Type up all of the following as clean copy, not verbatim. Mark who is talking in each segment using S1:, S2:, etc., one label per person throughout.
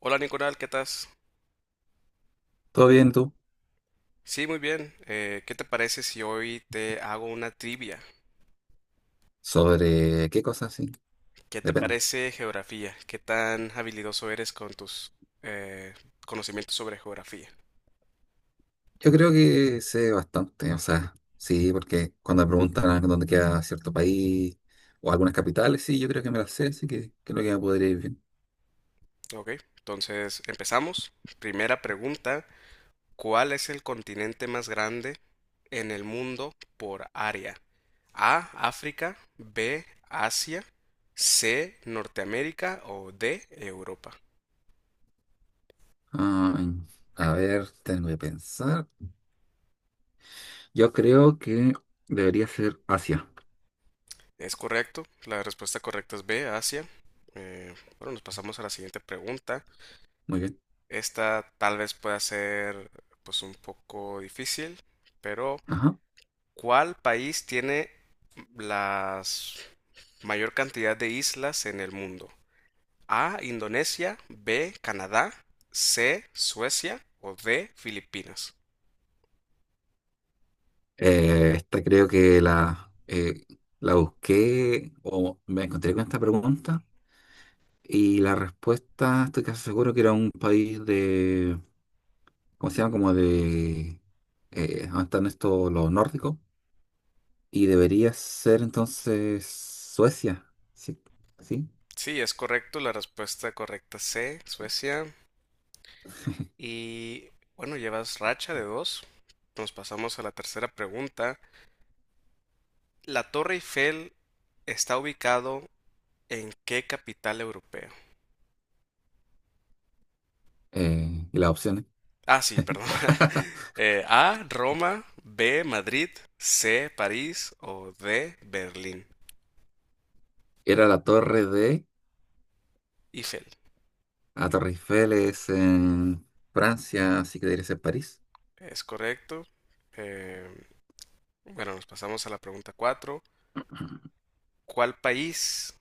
S1: Hola Nicolás, ¿qué estás?
S2: ¿Todo bien tú?
S1: Sí, muy bien. ¿Qué te parece si hoy te hago una trivia?
S2: ¿Sobre qué cosas? Sí,
S1: ¿Qué te
S2: depende.
S1: parece geografía? ¿Qué tan habilidoso eres con tus eh, conocimientos sobre geografía?
S2: Yo creo que sé bastante, o sea, sí, porque cuando me preguntan a dónde queda cierto país o algunas capitales, sí, yo creo que me las sé, así que creo que me podría ir bien.
S1: Ok, entonces empezamos. Primera pregunta, ¿cuál es el continente más grande en el mundo por área? A, África; B, Asia; C, Norteamérica; o D, Europa.
S2: Ay, a ver, tengo que pensar. Yo creo que debería ser Asia.
S1: Es correcto, la respuesta correcta es B, Asia. Eh, bueno, nos pasamos a la siguiente pregunta.
S2: Muy bien.
S1: Esta tal vez pueda ser pues un poco difícil, pero
S2: Ajá.
S1: ¿cuál país tiene la mayor cantidad de islas en el mundo? A, Indonesia; B, Canadá; C, Suecia; o D, Filipinas.
S2: Esta creo que la busqué o me encontré con esta pregunta y la respuesta estoy casi seguro que era un país, ¿cómo se llama? Como de... ¿Dónde están estos los nórdicos? Y debería ser entonces Suecia, ¿sí? ¿Sí?
S1: Sí, es correcto, la respuesta correcta es C, Suecia. Y bueno, llevas racha de dos. Nos pasamos a la tercera pregunta. ¿La Torre Eiffel está ubicado en qué capital europea?
S2: Y las opciones.
S1: Ah, sí, perdón. A, Roma; B, Madrid; C, París; o D, Berlín.
S2: Era la torre de...
S1: Eiffel,
S2: La Torre Eiffel es en Francia, así que debería ser París.
S1: es correcto. Eh, bueno, nos pasamos a la pregunta 4. ¿Cuál país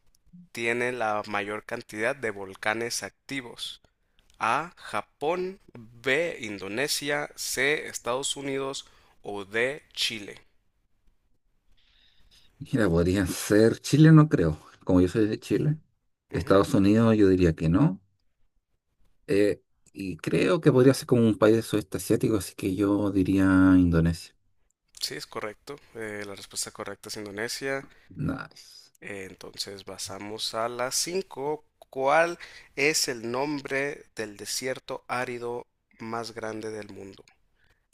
S1: tiene la mayor cantidad de volcanes activos? A, Japón. B, Indonesia. C, Estados Unidos. O D, Chile.
S2: Mira, podrían ser Chile, no creo. Como yo soy de Chile.
S1: Ujú.
S2: Estados Unidos, yo diría que no. Eh, y creo que podría ser como un país de sudeste asiático, así que yo diría Indonesia.
S1: Sí, es correcto. La respuesta correcta es Indonesia.
S2: Nice.
S1: Entonces pasamos a la 5. ¿Cuál es el nombre del desierto árido más grande del mundo?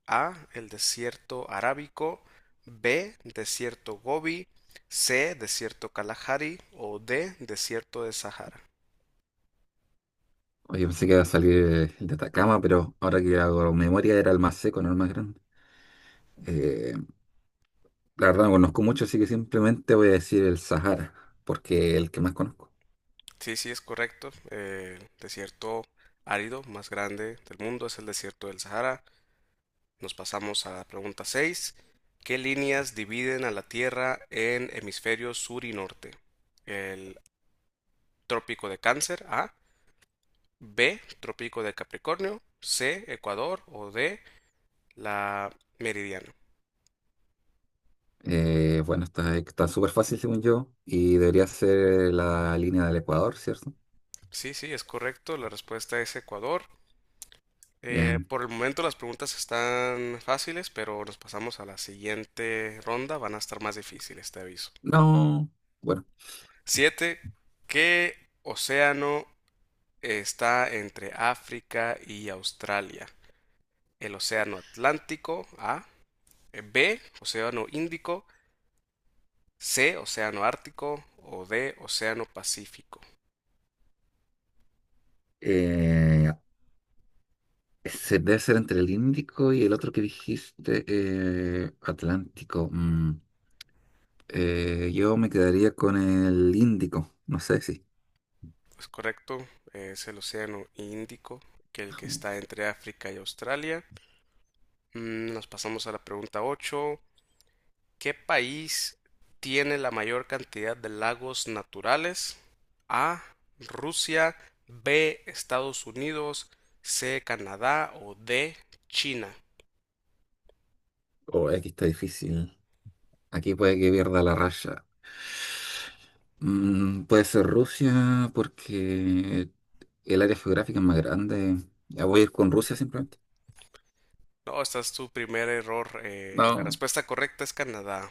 S1: A, el desierto arábico. B, desierto Gobi. C, desierto Kalahari. O D, desierto de Sahara.
S2: Oye, pensé que iba a salir el de Atacama, pero ahora que hago memoria era el más seco, no el más grande. Eh, la verdad no conozco mucho, así que simplemente voy a decir el Sahara, porque es el que más conozco.
S1: Sí, sí, es correcto. El desierto árido más grande del mundo es el desierto del Sahara. Nos pasamos a la pregunta 6. ¿Qué líneas dividen a la Tierra en hemisferios sur y norte? El trópico de Cáncer, A. B, trópico de Capricornio. C, Ecuador. O D, la meridiana.
S2: Bueno, está súper fácil según yo y debería ser la línea del Ecuador, ¿cierto?
S1: Sí, sí, es correcto. La respuesta es Ecuador.
S2: Bien.
S1: Por el momento las preguntas están fáciles, pero nos pasamos a la siguiente ronda. Van a estar más difíciles, te aviso.
S2: No, bueno.
S1: Siete, ¿qué océano está entre África y Australia? El océano Atlántico, A. B, océano Índico. C, océano Ártico. O D, océano Pacífico.
S2: eh, Debe ser entre el Índico y el otro que dijiste, Atlántico. Yo me quedaría con el Índico, no sé si.
S1: Es correcto, es el océano Índico, que el que está entre África y Australia. Nos pasamos a la pregunta 8. ¿Qué país tiene la mayor cantidad de lagos naturales? A, Rusia. B, Estados Unidos. C, Canadá. O D, China.
S2: Oh, aquí está difícil. Aquí puede que pierda la raya. Puede ser Rusia porque el área geográfica es más grande. Ya voy a ir con Rusia simplemente.
S1: No, esta es tu primer error. La
S2: No,
S1: respuesta correcta es Canadá.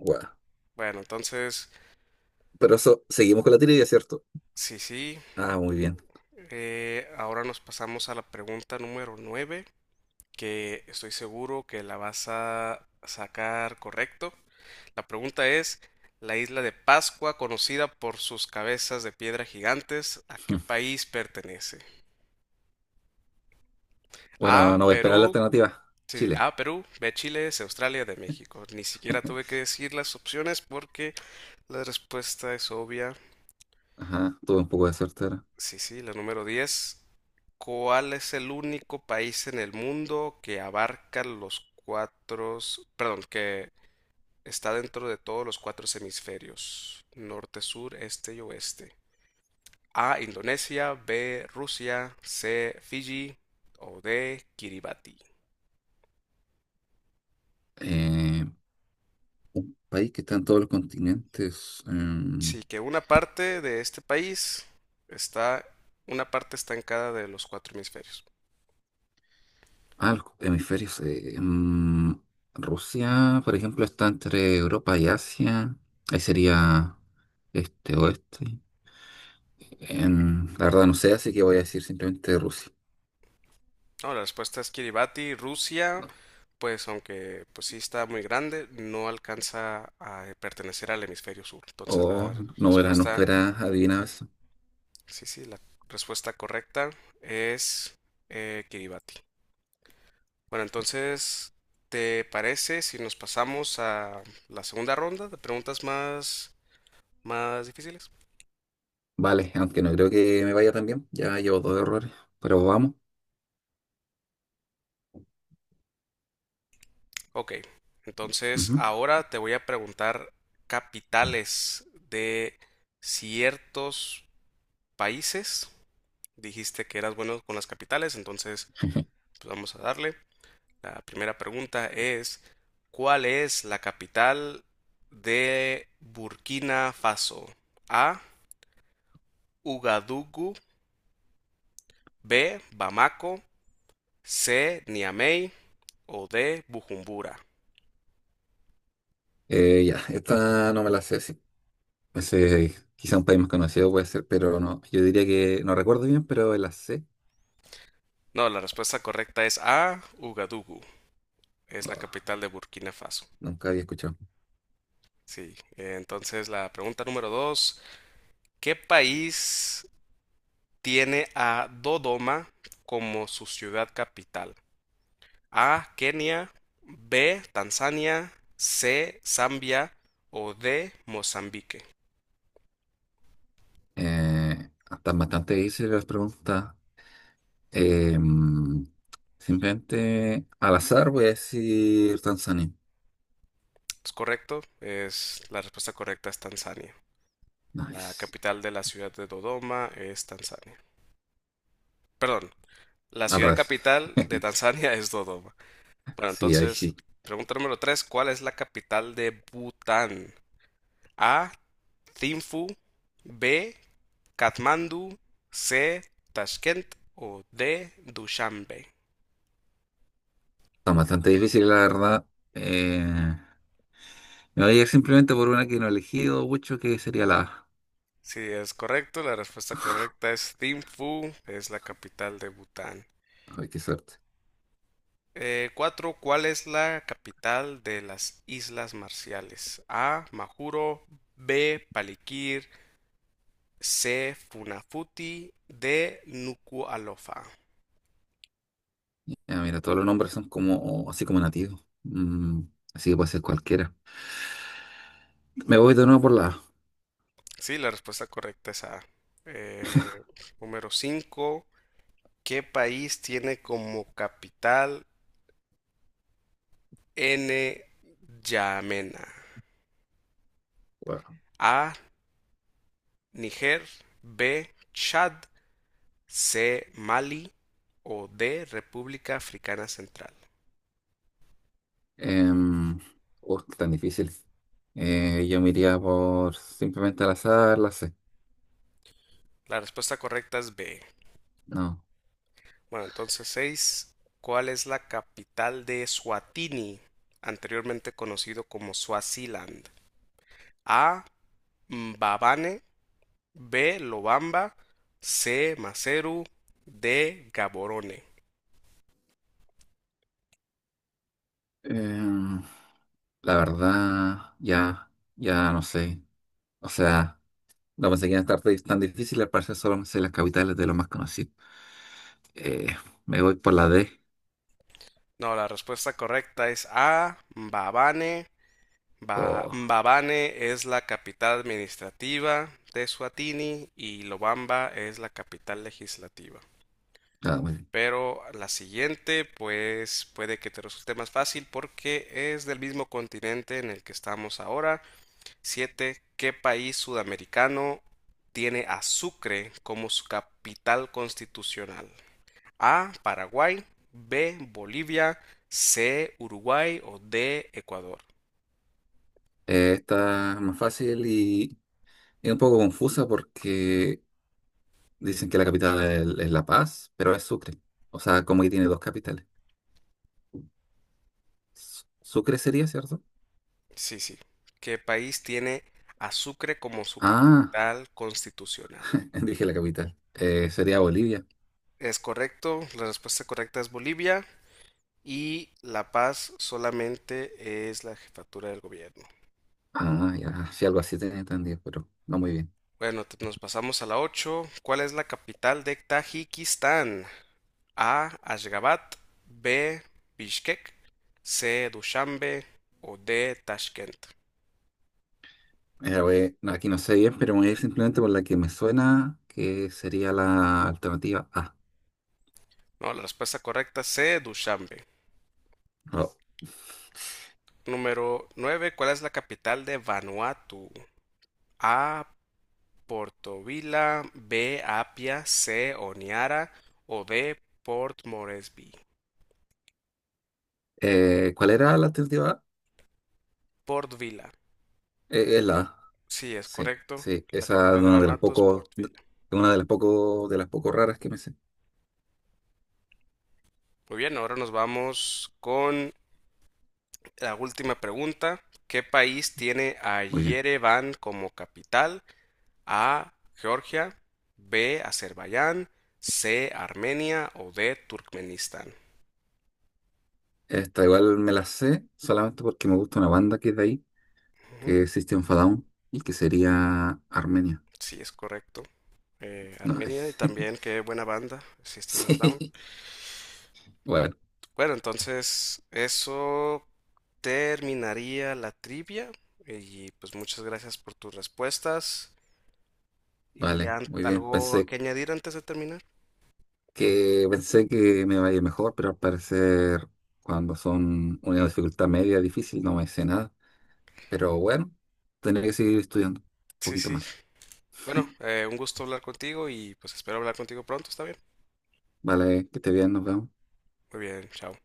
S2: guau.
S1: Bueno, entonces,
S2: Pero eso, seguimos con la trivia, ¿cierto?
S1: sí, sí.
S2: Ah, muy bien.
S1: Ahora nos pasamos a la pregunta número 9, que estoy seguro que la vas a sacar correcto. La pregunta es, la isla de Pascua, conocida por sus cabezas de piedra gigantes, ¿a qué país pertenece?
S2: Bueno,
S1: A,
S2: no voy a esperar la
S1: Perú,
S2: alternativa.
S1: sí, sí,
S2: Chile.
S1: A, Perú; B, Chile; C, Australia; D, México. Ni siquiera tuve que decir las opciones porque la respuesta es obvia.
S2: Ajá, tuve un poco de suerte ahora.
S1: Sí, sí, la número 10. ¿Cuál es el único país en el mundo que abarca los cuatro, perdón, que está dentro de todos los cuatro hemisferios? Norte, sur, este y oeste. A, Indonesia. B, Rusia. C, Fiji. O D, Kiribati.
S2: Eh, País que está en todos los continentes.
S1: Sí, que una parte de este país está. Una parte está en cada de los cuatro hemisferios.
S2: Ah, los hemisferios. Rusia, por ejemplo, está entre Europa y Asia. Ahí sería este oeste. La verdad no sé, así que voy a decir simplemente Rusia.
S1: No, la respuesta es Kiribati, Rusia. Pues aunque pues sí está muy grande, no alcanza a pertenecer al hemisferio sur.
S2: O
S1: Entonces la
S2: no verás, nunca
S1: respuesta,
S2: verás adivinado eso.
S1: sí, sí, la respuesta correcta es Kiribati. Bueno, entonces, ¿te parece si nos pasamos a la segunda ronda de preguntas más difíciles?
S2: Vale, aunque no creo que me vaya tan bien. Ya llevo dos errores, pero vamos.
S1: Ok, entonces
S2: Ujú.
S1: ahora te voy a preguntar capitales de ciertos países. Dijiste que eras bueno con las capitales, entonces pues vamos a darle. La primera pregunta es, ¿cuál es la capital de Burkina Faso? A, Ugadugu; B, Bamako; C, Niamey; o D, Bujumbura.
S2: Ya, Esta no me la sé, sí. Ese, quizá un país más conocido puede ser, pero no. Yo diría que no recuerdo bien, pero la sé.
S1: No, la respuesta correcta es A, Ugadugu. Es la
S2: Oh,
S1: capital de Burkina Faso.
S2: nunca había escuchado.
S1: Sí. Entonces, la pregunta número dos. ¿Qué país tiene a Dodoma como su ciudad capital? A, Kenia. B, Tanzania. C, Zambia. O D, Mozambique.
S2: Están bastante difíciles las preguntas. Eh, mm, Simplemente al azar voy a decir Tanzania.
S1: ¿Es correcto? Es, la respuesta correcta es Tanzania. La
S2: Nice.
S1: capital de la ciudad de Dodoma es Tanzania. Perdón, la
S2: Al
S1: ciudad
S2: revés.
S1: capital de Tanzania es Dodoma. Bueno,
S2: Sí, ahí
S1: entonces,
S2: sí.
S1: pregunta número 3: ¿cuál es la capital de Bután? A, Thimphu; B, Katmandú; C, Tashkent; o D, Dushanbe.
S2: Está bastante difícil la verdad. Me voy a ir simplemente por una que no he elegido mucho, que sería la A.
S1: Si es correcto, la respuesta correcta es Thimphu, es la capital de Bután.
S2: Ay, qué suerte.
S1: Cuatro, ¿cuál es la capital de las Islas Marciales? A, Majuro; B, Palikir; C, Funafuti; D, Nuku'alofa.
S2: Ya, mira, todos los nombres son como así como nativos. Así que puede ser cualquiera. Me voy de nuevo por la A.
S1: Sí, la respuesta correcta es A. Eh, Número 5, ¿qué país tiene como capital N. Yamena?
S2: Wow.
S1: A, Niger. B, Chad. C, Mali. O D, República Africana Central.
S2: Em, Qué tan difícil. Yo me iría por simplemente al azar, la C.
S1: La respuesta correcta es B.
S2: No.
S1: Bueno, entonces 6, ¿cuál es la capital de Suatini, anteriormente conocido como Suaziland? A, Mbabane. B, Lobamba. C, Maseru. D, Gaborone.
S2: Em, la verdad, ya no sé. O sea, no pensé que iban a estar tan difíciles, al parecer solo me sé las capitales de los más conocidos. Eh, Me voy por la D.
S1: No, la respuesta correcta es A, Mbabane. Ba-
S2: O
S1: Mbabane es la capital administrativa de Suatini y Lobamba es la capital legislativa.
S2: nada, muy bien.
S1: Pero la siguiente, pues puede que te resulte más fácil porque es del mismo continente en el que estamos ahora. Siete, ¿qué país sudamericano tiene a Sucre como su capital constitucional? A, Paraguay. B, Bolivia. C, Uruguay. O D, Ecuador.
S2: Esta es más fácil y es un poco confusa porque dicen que es La Paz, pero es Sucre. O sea, como que tiene dos capitales. Sucre sería, ¿cierto?
S1: Sí, sí. ¿Qué país tiene a Sucre como su
S2: Ah,
S1: capital constitucional?
S2: dije la capital. Sería Bolivia.
S1: Es correcto. La respuesta correcta es Bolivia. Y La Paz solamente es la jefatura del gobierno.
S2: Ah, ya, sí, algo así tenía entendido, pero no muy bien.
S1: Bueno, te- nos pasamos a la ocho. ¿Cuál es la capital de Tajikistán? A, Ashgabat; B, Bishkek; C, Dushanbe; o D, Tashkent.
S2: Mira, no, aquí no sé bien, pero me voy a ir simplemente por la que me suena, que sería la alternativa A.
S1: No, la respuesta correcta C, Dushanbe.
S2: No.
S1: Número 9, ¿cuál es la capital de Vanuatu? A, Portovila; B, Apia; C, Oniara; o D, Port Moresby.
S2: ¿Cuál era la alternativa A?
S1: Port Vila.
S2: Es la A.
S1: Sí, es
S2: Sí,
S1: correcto.
S2: sí,
S1: La
S2: esa es
S1: capital de Vanuatu es Port Vila.
S2: una de las pocos, de las poco raras que me sé.
S1: Muy bien, ahora nos vamos con la última pregunta. ¿Qué país tiene a
S2: Muy bien.
S1: Yerevan como capital? A, Georgia. B, Azerbaiyán. C, Armenia. O D, Turkmenistán.
S2: Esta igual me la sé solamente porque me gusta una banda que es de ahí,
S1: Ujú.
S2: que es System of a Down, y que sería Armenia.
S1: Sí, es correcto.
S2: No,
S1: Armenia y también qué buena banda, System of a Down.
S2: sí. Bueno,
S1: Bueno, entonces eso terminaría la trivia. Y pues muchas gracias por tus respuestas. ¿Y
S2: vale,
S1: an-
S2: muy bien.
S1: algo que añadir antes de terminar?
S2: Pensé que me vaya mejor, pero al parecer cuando son una dificultad media difícil no me sé nada. Pero bueno, tendré que seguir estudiando un
S1: Sí,
S2: poquito
S1: sí.
S2: más.
S1: Bueno, un gusto hablar contigo y pues espero hablar contigo pronto, ¿está bien?
S2: Vale, que esté bien, nos vemos.
S1: Muy bien, chao.